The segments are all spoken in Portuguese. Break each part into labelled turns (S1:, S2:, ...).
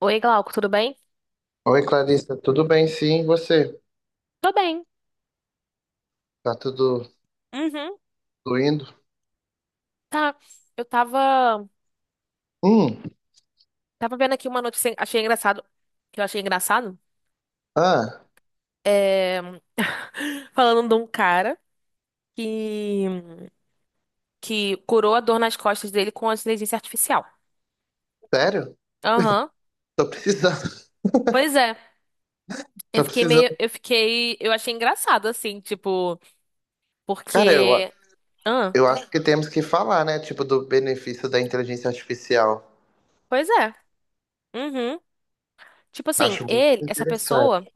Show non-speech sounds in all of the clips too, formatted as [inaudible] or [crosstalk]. S1: Oi, Glauco, tudo bem?
S2: Oi, Clarissa, tudo bem? Sim, e você?
S1: Tô bem.
S2: Tá tudo,
S1: Uhum,
S2: tudo indo?
S1: tá. Eu tava,
S2: Hum,
S1: tava vendo aqui uma notícia, que eu achei engraçado,
S2: ah,
S1: é, [laughs] falando de um cara que, que curou a dor nas costas dele com a inteligência artificial.
S2: sério?
S1: Aham.
S2: Tô precisando, [laughs]
S1: Pois é. Eu
S2: tô
S1: fiquei meio,
S2: precisando.
S1: eu fiquei, eu achei engraçado, assim, tipo,
S2: Cara, eu,
S1: porque... Ah,
S2: eu acho que temos que falar, né? Tipo, do benefício da inteligência artificial.
S1: pois é. Uhum. Tipo assim,
S2: Acho muito
S1: essa pessoa...
S2: interessante.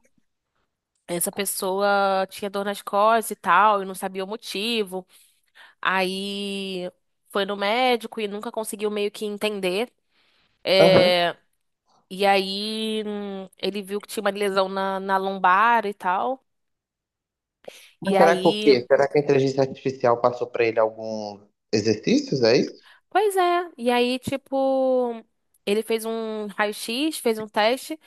S1: Essa pessoa tinha dor nas costas e tal, e não sabia o motivo. Aí foi no médico e nunca conseguiu meio que entender.
S2: Aham.
S1: É, e aí ele viu que tinha uma lesão na lombar e tal. E
S2: Mas será que o
S1: aí,
S2: quê? Será que a inteligência artificial passou pra ele alguns exercícios, é isso?
S1: pois é. E aí, tipo, ele fez um raio-x, fez um teste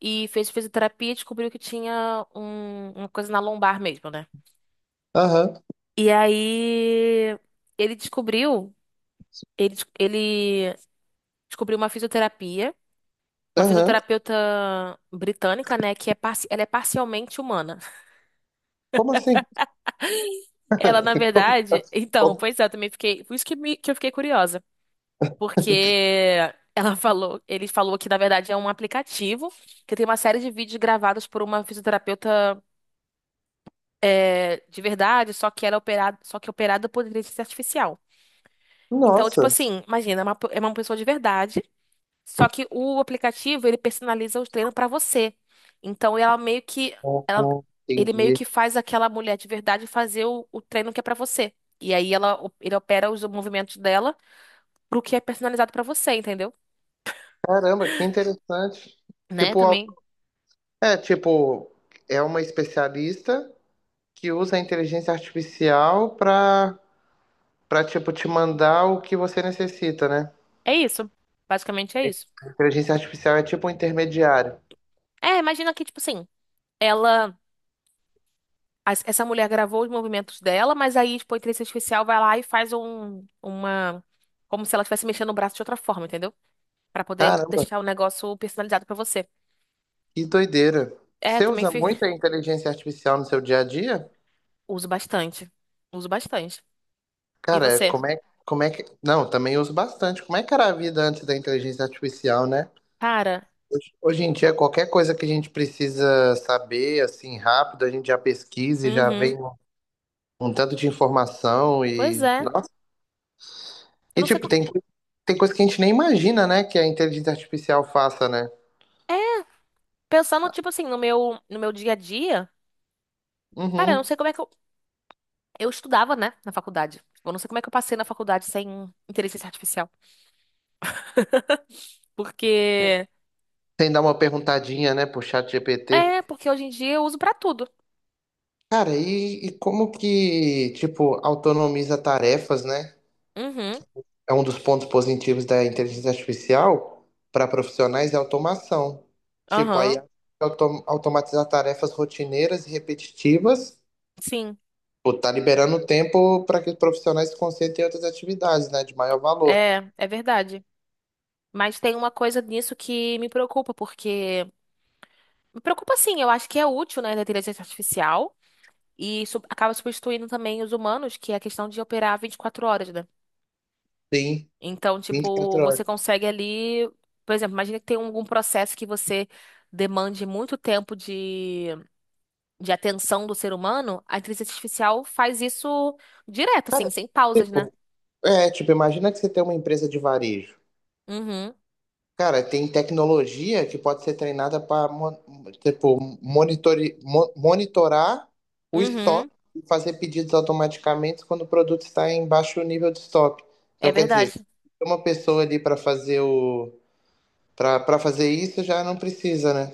S1: e fez fisioterapia e descobriu que tinha uma coisa na lombar mesmo, né?
S2: Aham,
S1: E aí ele descobriu, ele descobriu uma fisioterapia. Uma
S2: aham.
S1: fisioterapeuta britânica, né, ela é parcialmente humana. [laughs]
S2: Como assim?
S1: Ela, na
S2: [laughs]
S1: verdade, então,
S2: Como assim?
S1: pois é, eu também fiquei, por isso que, me- que eu fiquei curiosa, porque ele falou que na verdade é um aplicativo que tem uma série de vídeos gravados por uma fisioterapeuta é, de verdade, só que operada por inteligência artificial. Então, tipo
S2: Nossa.
S1: assim, imagina, é uma pessoa de verdade. Só que o aplicativo, ele personaliza o treino pra você. Então, ela meio que ela,
S2: Uhum,
S1: ele meio
S2: entendi.
S1: que faz aquela mulher de verdade fazer o treino que é pra você. E aí ela ele opera os movimentos dela pro que é personalizado pra você, entendeu?
S2: Caramba, que interessante.
S1: Né?
S2: Tipo,
S1: Também
S2: É, tipo, é uma especialista que usa a inteligência artificial para tipo te mandar o que você necessita, né?
S1: é isso. Basicamente é isso.
S2: A inteligência artificial é tipo um intermediário.
S1: É, imagina que tipo assim, ela essa mulher gravou os movimentos dela, mas aí tipo a inteligência artificial vai lá e faz uma, como se ela estivesse mexendo o braço de outra forma, entendeu? Pra poder
S2: Caramba,
S1: deixar o negócio personalizado pra você.
S2: que doideira.
S1: É,
S2: Você
S1: também
S2: usa
S1: fi-
S2: muito a inteligência artificial no seu dia a dia?
S1: uso bastante. Uso bastante. E
S2: Cara,
S1: você?
S2: como é que. Não, também uso bastante. Como é que era a vida antes da inteligência artificial, né?
S1: Cara,
S2: Hoje em dia, qualquer coisa que a gente precisa saber, assim, rápido, a gente já pesquisa e já
S1: uhum.
S2: vem um tanto de informação
S1: Pois
S2: e.
S1: é.
S2: Nossa,
S1: Eu
S2: e,
S1: não sei
S2: tipo,
S1: como.
S2: tem coisa que a gente nem imagina, né? Que a inteligência artificial faça, né?
S1: É, pensando, tipo assim, no meu dia a dia, cara, eu não
S2: Uhum.
S1: sei como é que eu. Eu estudava, né, na faculdade. Eu não sei como é que eu passei na faculdade sem inteligência artificial. Porque.
S2: Sem dar uma perguntadinha, né, pro chat GPT.
S1: É, porque hoje em dia eu uso pra tudo.
S2: Cara, e como que, tipo, autonomiza tarefas, né?
S1: Uhum.
S2: É um dos pontos positivos da inteligência artificial para profissionais é a automação. Tipo, aí
S1: Aham.
S2: automatizar tarefas rotineiras e repetitivas,
S1: Sim.
S2: pô, tá liberando tempo para que os profissionais se concentrem em outras atividades, né, de maior valor.
S1: É, é verdade. Mas tem uma coisa nisso que me preocupa, porque. Me preocupa sim, eu acho que é útil, né, da inteligência artificial. Acaba substituindo também os humanos, que é a questão de operar 24 horas, né?
S2: Sim,
S1: Então,
S2: vinte e
S1: tipo,
S2: quatro
S1: você
S2: horas.
S1: consegue ali, por exemplo, imagina que tem algum processo que você demande muito tempo de atenção do ser humano, a inteligência artificial faz isso direto, assim,
S2: Cara,
S1: sem pausas, né?
S2: tipo, É, tipo, imagina que você tem uma empresa de varejo.
S1: Uhum,
S2: Cara, tem tecnologia que pode ser treinada para, tipo, monitorar o
S1: uhum,
S2: estoque e fazer pedidos automaticamente quando o produto está em baixo nível de estoque.
S1: é
S2: Então, quer dizer,
S1: verdade.
S2: tem uma pessoa ali para fazer o para para fazer isso já não precisa, né?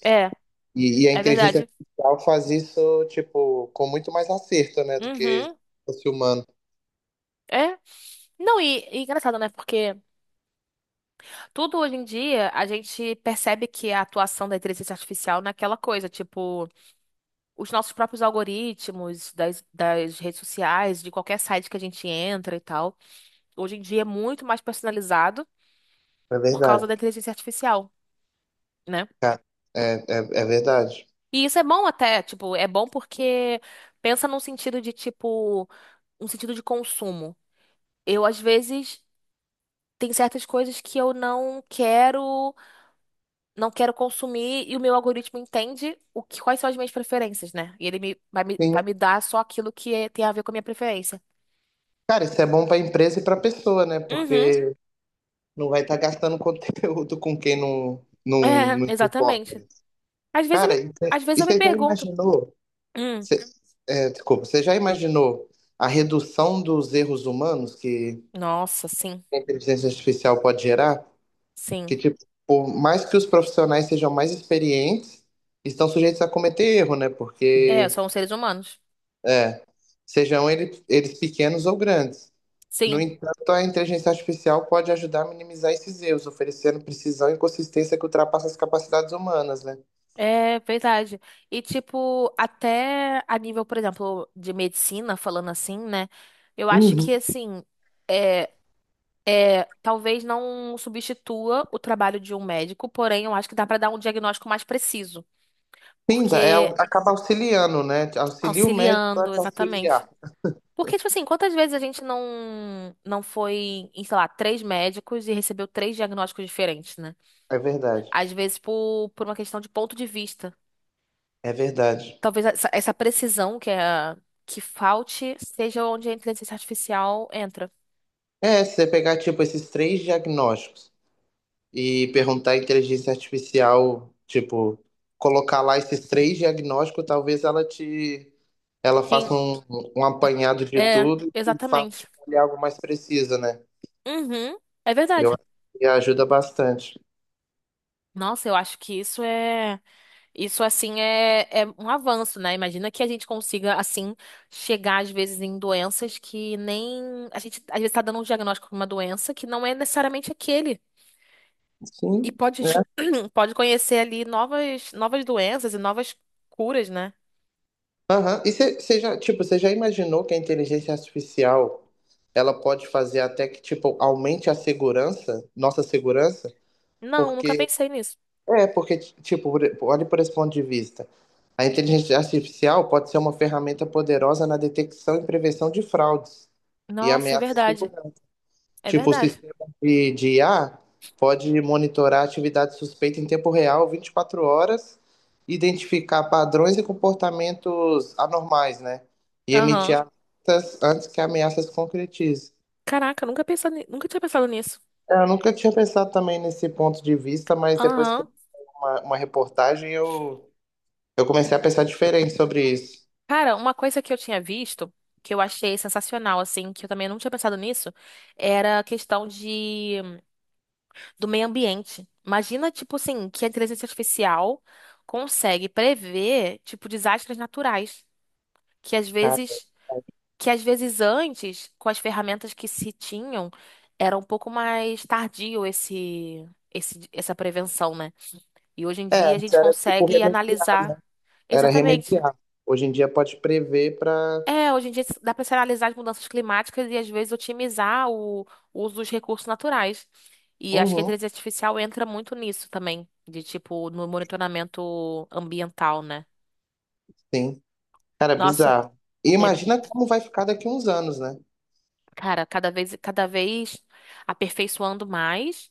S1: É,
S2: E a
S1: é
S2: inteligência
S1: verdade.
S2: artificial faz isso, tipo, com muito mais acerto, né, do que se
S1: Uhum.
S2: fosse humano.
S1: É. Não, e engraçado, né? Porque tudo hoje em dia a gente percebe que é a atuação da inteligência artificial naquela coisa, tipo. Os nossos próprios algoritmos das redes sociais, de qualquer site que a gente entra e tal. Hoje em dia é muito mais personalizado
S2: É
S1: por causa
S2: verdade,
S1: da inteligência artificial, né?
S2: cara. É, é, é verdade.
S1: E isso é bom até, tipo, é bom porque pensa num sentido de, tipo, um sentido de consumo. Eu, às vezes, tem certas coisas que eu não quero, não quero consumir e o meu algoritmo entende o que, quais são as minhas preferências, né? E ele me, vai me dar só aquilo que é- tem a ver com a minha preferência.
S2: Cara, isso é bom pra empresa e pra pessoa, né?
S1: Uhum.
S2: Porque não vai estar gastando conteúdo [laughs] com quem
S1: [laughs] É,
S2: não se importa,
S1: exatamente.
S2: né?
S1: Às vezes eu
S2: Cara,
S1: me,
S2: e você
S1: às vezes eu me
S2: já
S1: pergunto.
S2: imaginou?
S1: Hum,
S2: você- é, desculpa, você já imaginou a redução dos erros humanos que
S1: nossa, sim,
S2: a inteligência artificial pode gerar?
S1: sim.
S2: Que, tipo, por mais que os profissionais sejam mais experientes, estão sujeitos a cometer erro, né?
S1: É,
S2: Porque
S1: são seres humanos.
S2: É, eles pequenos ou grandes. No
S1: Sim,
S2: entanto, a inteligência artificial pode ajudar a minimizar esses erros, oferecendo precisão e consistência que ultrapassa as capacidades humanas, né?
S1: é verdade. E tipo, até a nível, por exemplo, de medicina, falando assim, né? Eu acho
S2: Uhum.
S1: que assim, é, talvez não substitua o trabalho de um médico, porém eu acho que dá pra dar um diagnóstico mais preciso,
S2: Sim, dá- é,
S1: porque
S2: au- acaba auxiliando, né? Auxilia o médico a
S1: auxiliando,
S2: te
S1: exatamente.
S2: auxiliar.
S1: Porque, tipo assim, quantas vezes a gente não foi em, sei lá, três médicos e recebeu três diagnósticos diferentes, né?
S2: É verdade.
S1: Às vezes por uma questão de ponto de vista.
S2: É verdade.
S1: Talvez essa precisão que, é, que falte seja onde a inteligência artificial entra.
S2: É, se você pegar, tipo, esses três diagnósticos. E perguntar à inteligência artificial, tipo, colocar lá esses três diagnósticos, talvez ela
S1: Sim.
S2: faça um apanhado de
S1: É,
S2: tudo e faça
S1: exatamente.
S2: tipo, olhar algo mais preciso, né?
S1: Uhum, é
S2: Eu
S1: verdade.
S2: acho que ajuda bastante.
S1: Nossa, eu acho que isso é. Isso, assim, é um avanço, né? Imagina que a gente consiga, assim, chegar, às vezes, em doenças que nem... A gente, às vezes, tá dando um diagnóstico de uma doença que não é necessariamente aquele. E
S2: Sim,
S1: pode,
S2: né?
S1: [clears throat] pode conhecer ali novas, novas doenças e novas curas, né?
S2: Aham. E você já, tipo, você já imaginou que a inteligência artificial ela pode fazer até que, tipo, aumente a segurança, nossa segurança?
S1: Não, nunca
S2: Porque
S1: pensei nisso.
S2: É, porque, tipo, olhe por esse ponto de vista. A inteligência artificial pode ser uma ferramenta poderosa na detecção e prevenção de fraudes e
S1: Nossa, é
S2: ameaças de
S1: verdade.
S2: segurança.
S1: É
S2: Tipo, o
S1: verdade.
S2: sistema de IA pode monitorar atividade suspeita em tempo real, 24 horas, identificar padrões e comportamentos anormais, né? E emitir
S1: Aham.
S2: alertas antes que a ameaça se concretize.
S1: Caraca, nunca tinha pensado nisso.
S2: É, eu nunca tinha pensado também nesse ponto de vista, mas depois que eu
S1: Aham.
S2: vi uma reportagem eu comecei a pensar diferente sobre isso.
S1: Cara, uma coisa que eu tinha visto, que eu achei sensacional, assim, que eu também não tinha pensado nisso, era a questão de do meio ambiente. Imagina, tipo assim, que a inteligência artificial consegue prever, tipo, desastres naturais, que às
S2: Cara,
S1: vezes, que às vezes antes, com as ferramentas que se tinham, era um pouco mais tardio essa prevenção, né? E hoje em
S2: é,
S1: dia a
S2: antes
S1: gente
S2: era tipo
S1: consegue
S2: remediar.
S1: analisar.
S2: Era
S1: Exatamente.
S2: remediar. Hoje em dia pode prever pra.
S1: É, hoje em dia dá para se analisar as mudanças climáticas e às vezes otimizar o uso dos recursos naturais. E acho que a
S2: Uhum,
S1: inteligência artificial entra muito nisso também, de tipo, no monitoramento ambiental, né?
S2: sim. Cara, é
S1: Nossa,
S2: bizarro. E
S1: é,
S2: imagina como vai ficar daqui uns anos, né?
S1: cara, cada vez aperfeiçoando mais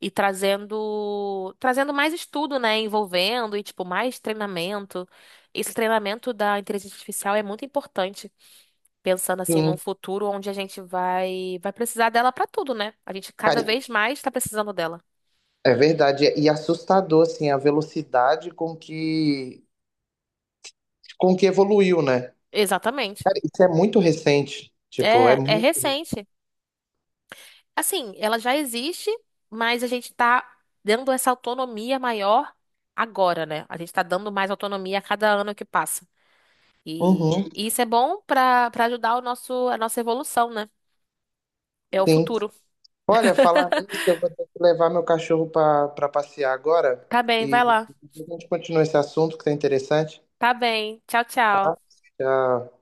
S1: e trazendo mais estudo, né? Envolvendo e, tipo, mais treinamento. Esse treinamento da inteligência artificial é muito importante. Pensando assim num
S2: Sim.
S1: futuro onde a gente vai precisar dela pra tudo, né? A gente cada
S2: Cara,
S1: vez mais tá precisando dela.
S2: é verdade. E assustador, assim, a velocidade com que evoluiu, né?
S1: Exatamente.
S2: Cara, isso é muito recente. Tipo, é
S1: É, é
S2: muito.
S1: recente. Assim, ela já existe, mas a gente tá dando essa autonomia maior agora, né? A gente tá dando mais autonomia a cada ano que passa.
S2: Uhum,
S1: E isso é bom pra para ajudar o nosso a nossa evolução, né? É o
S2: sim.
S1: futuro.
S2: Olha, falar
S1: [laughs]
S2: nisso, eu vou ter que levar meu cachorro pra passear agora.
S1: Tá bem,
S2: E
S1: vai lá.
S2: depois a gente continua esse assunto que tá interessante.
S1: Tá bem. Tchau, tchau.
S2: Tá? Já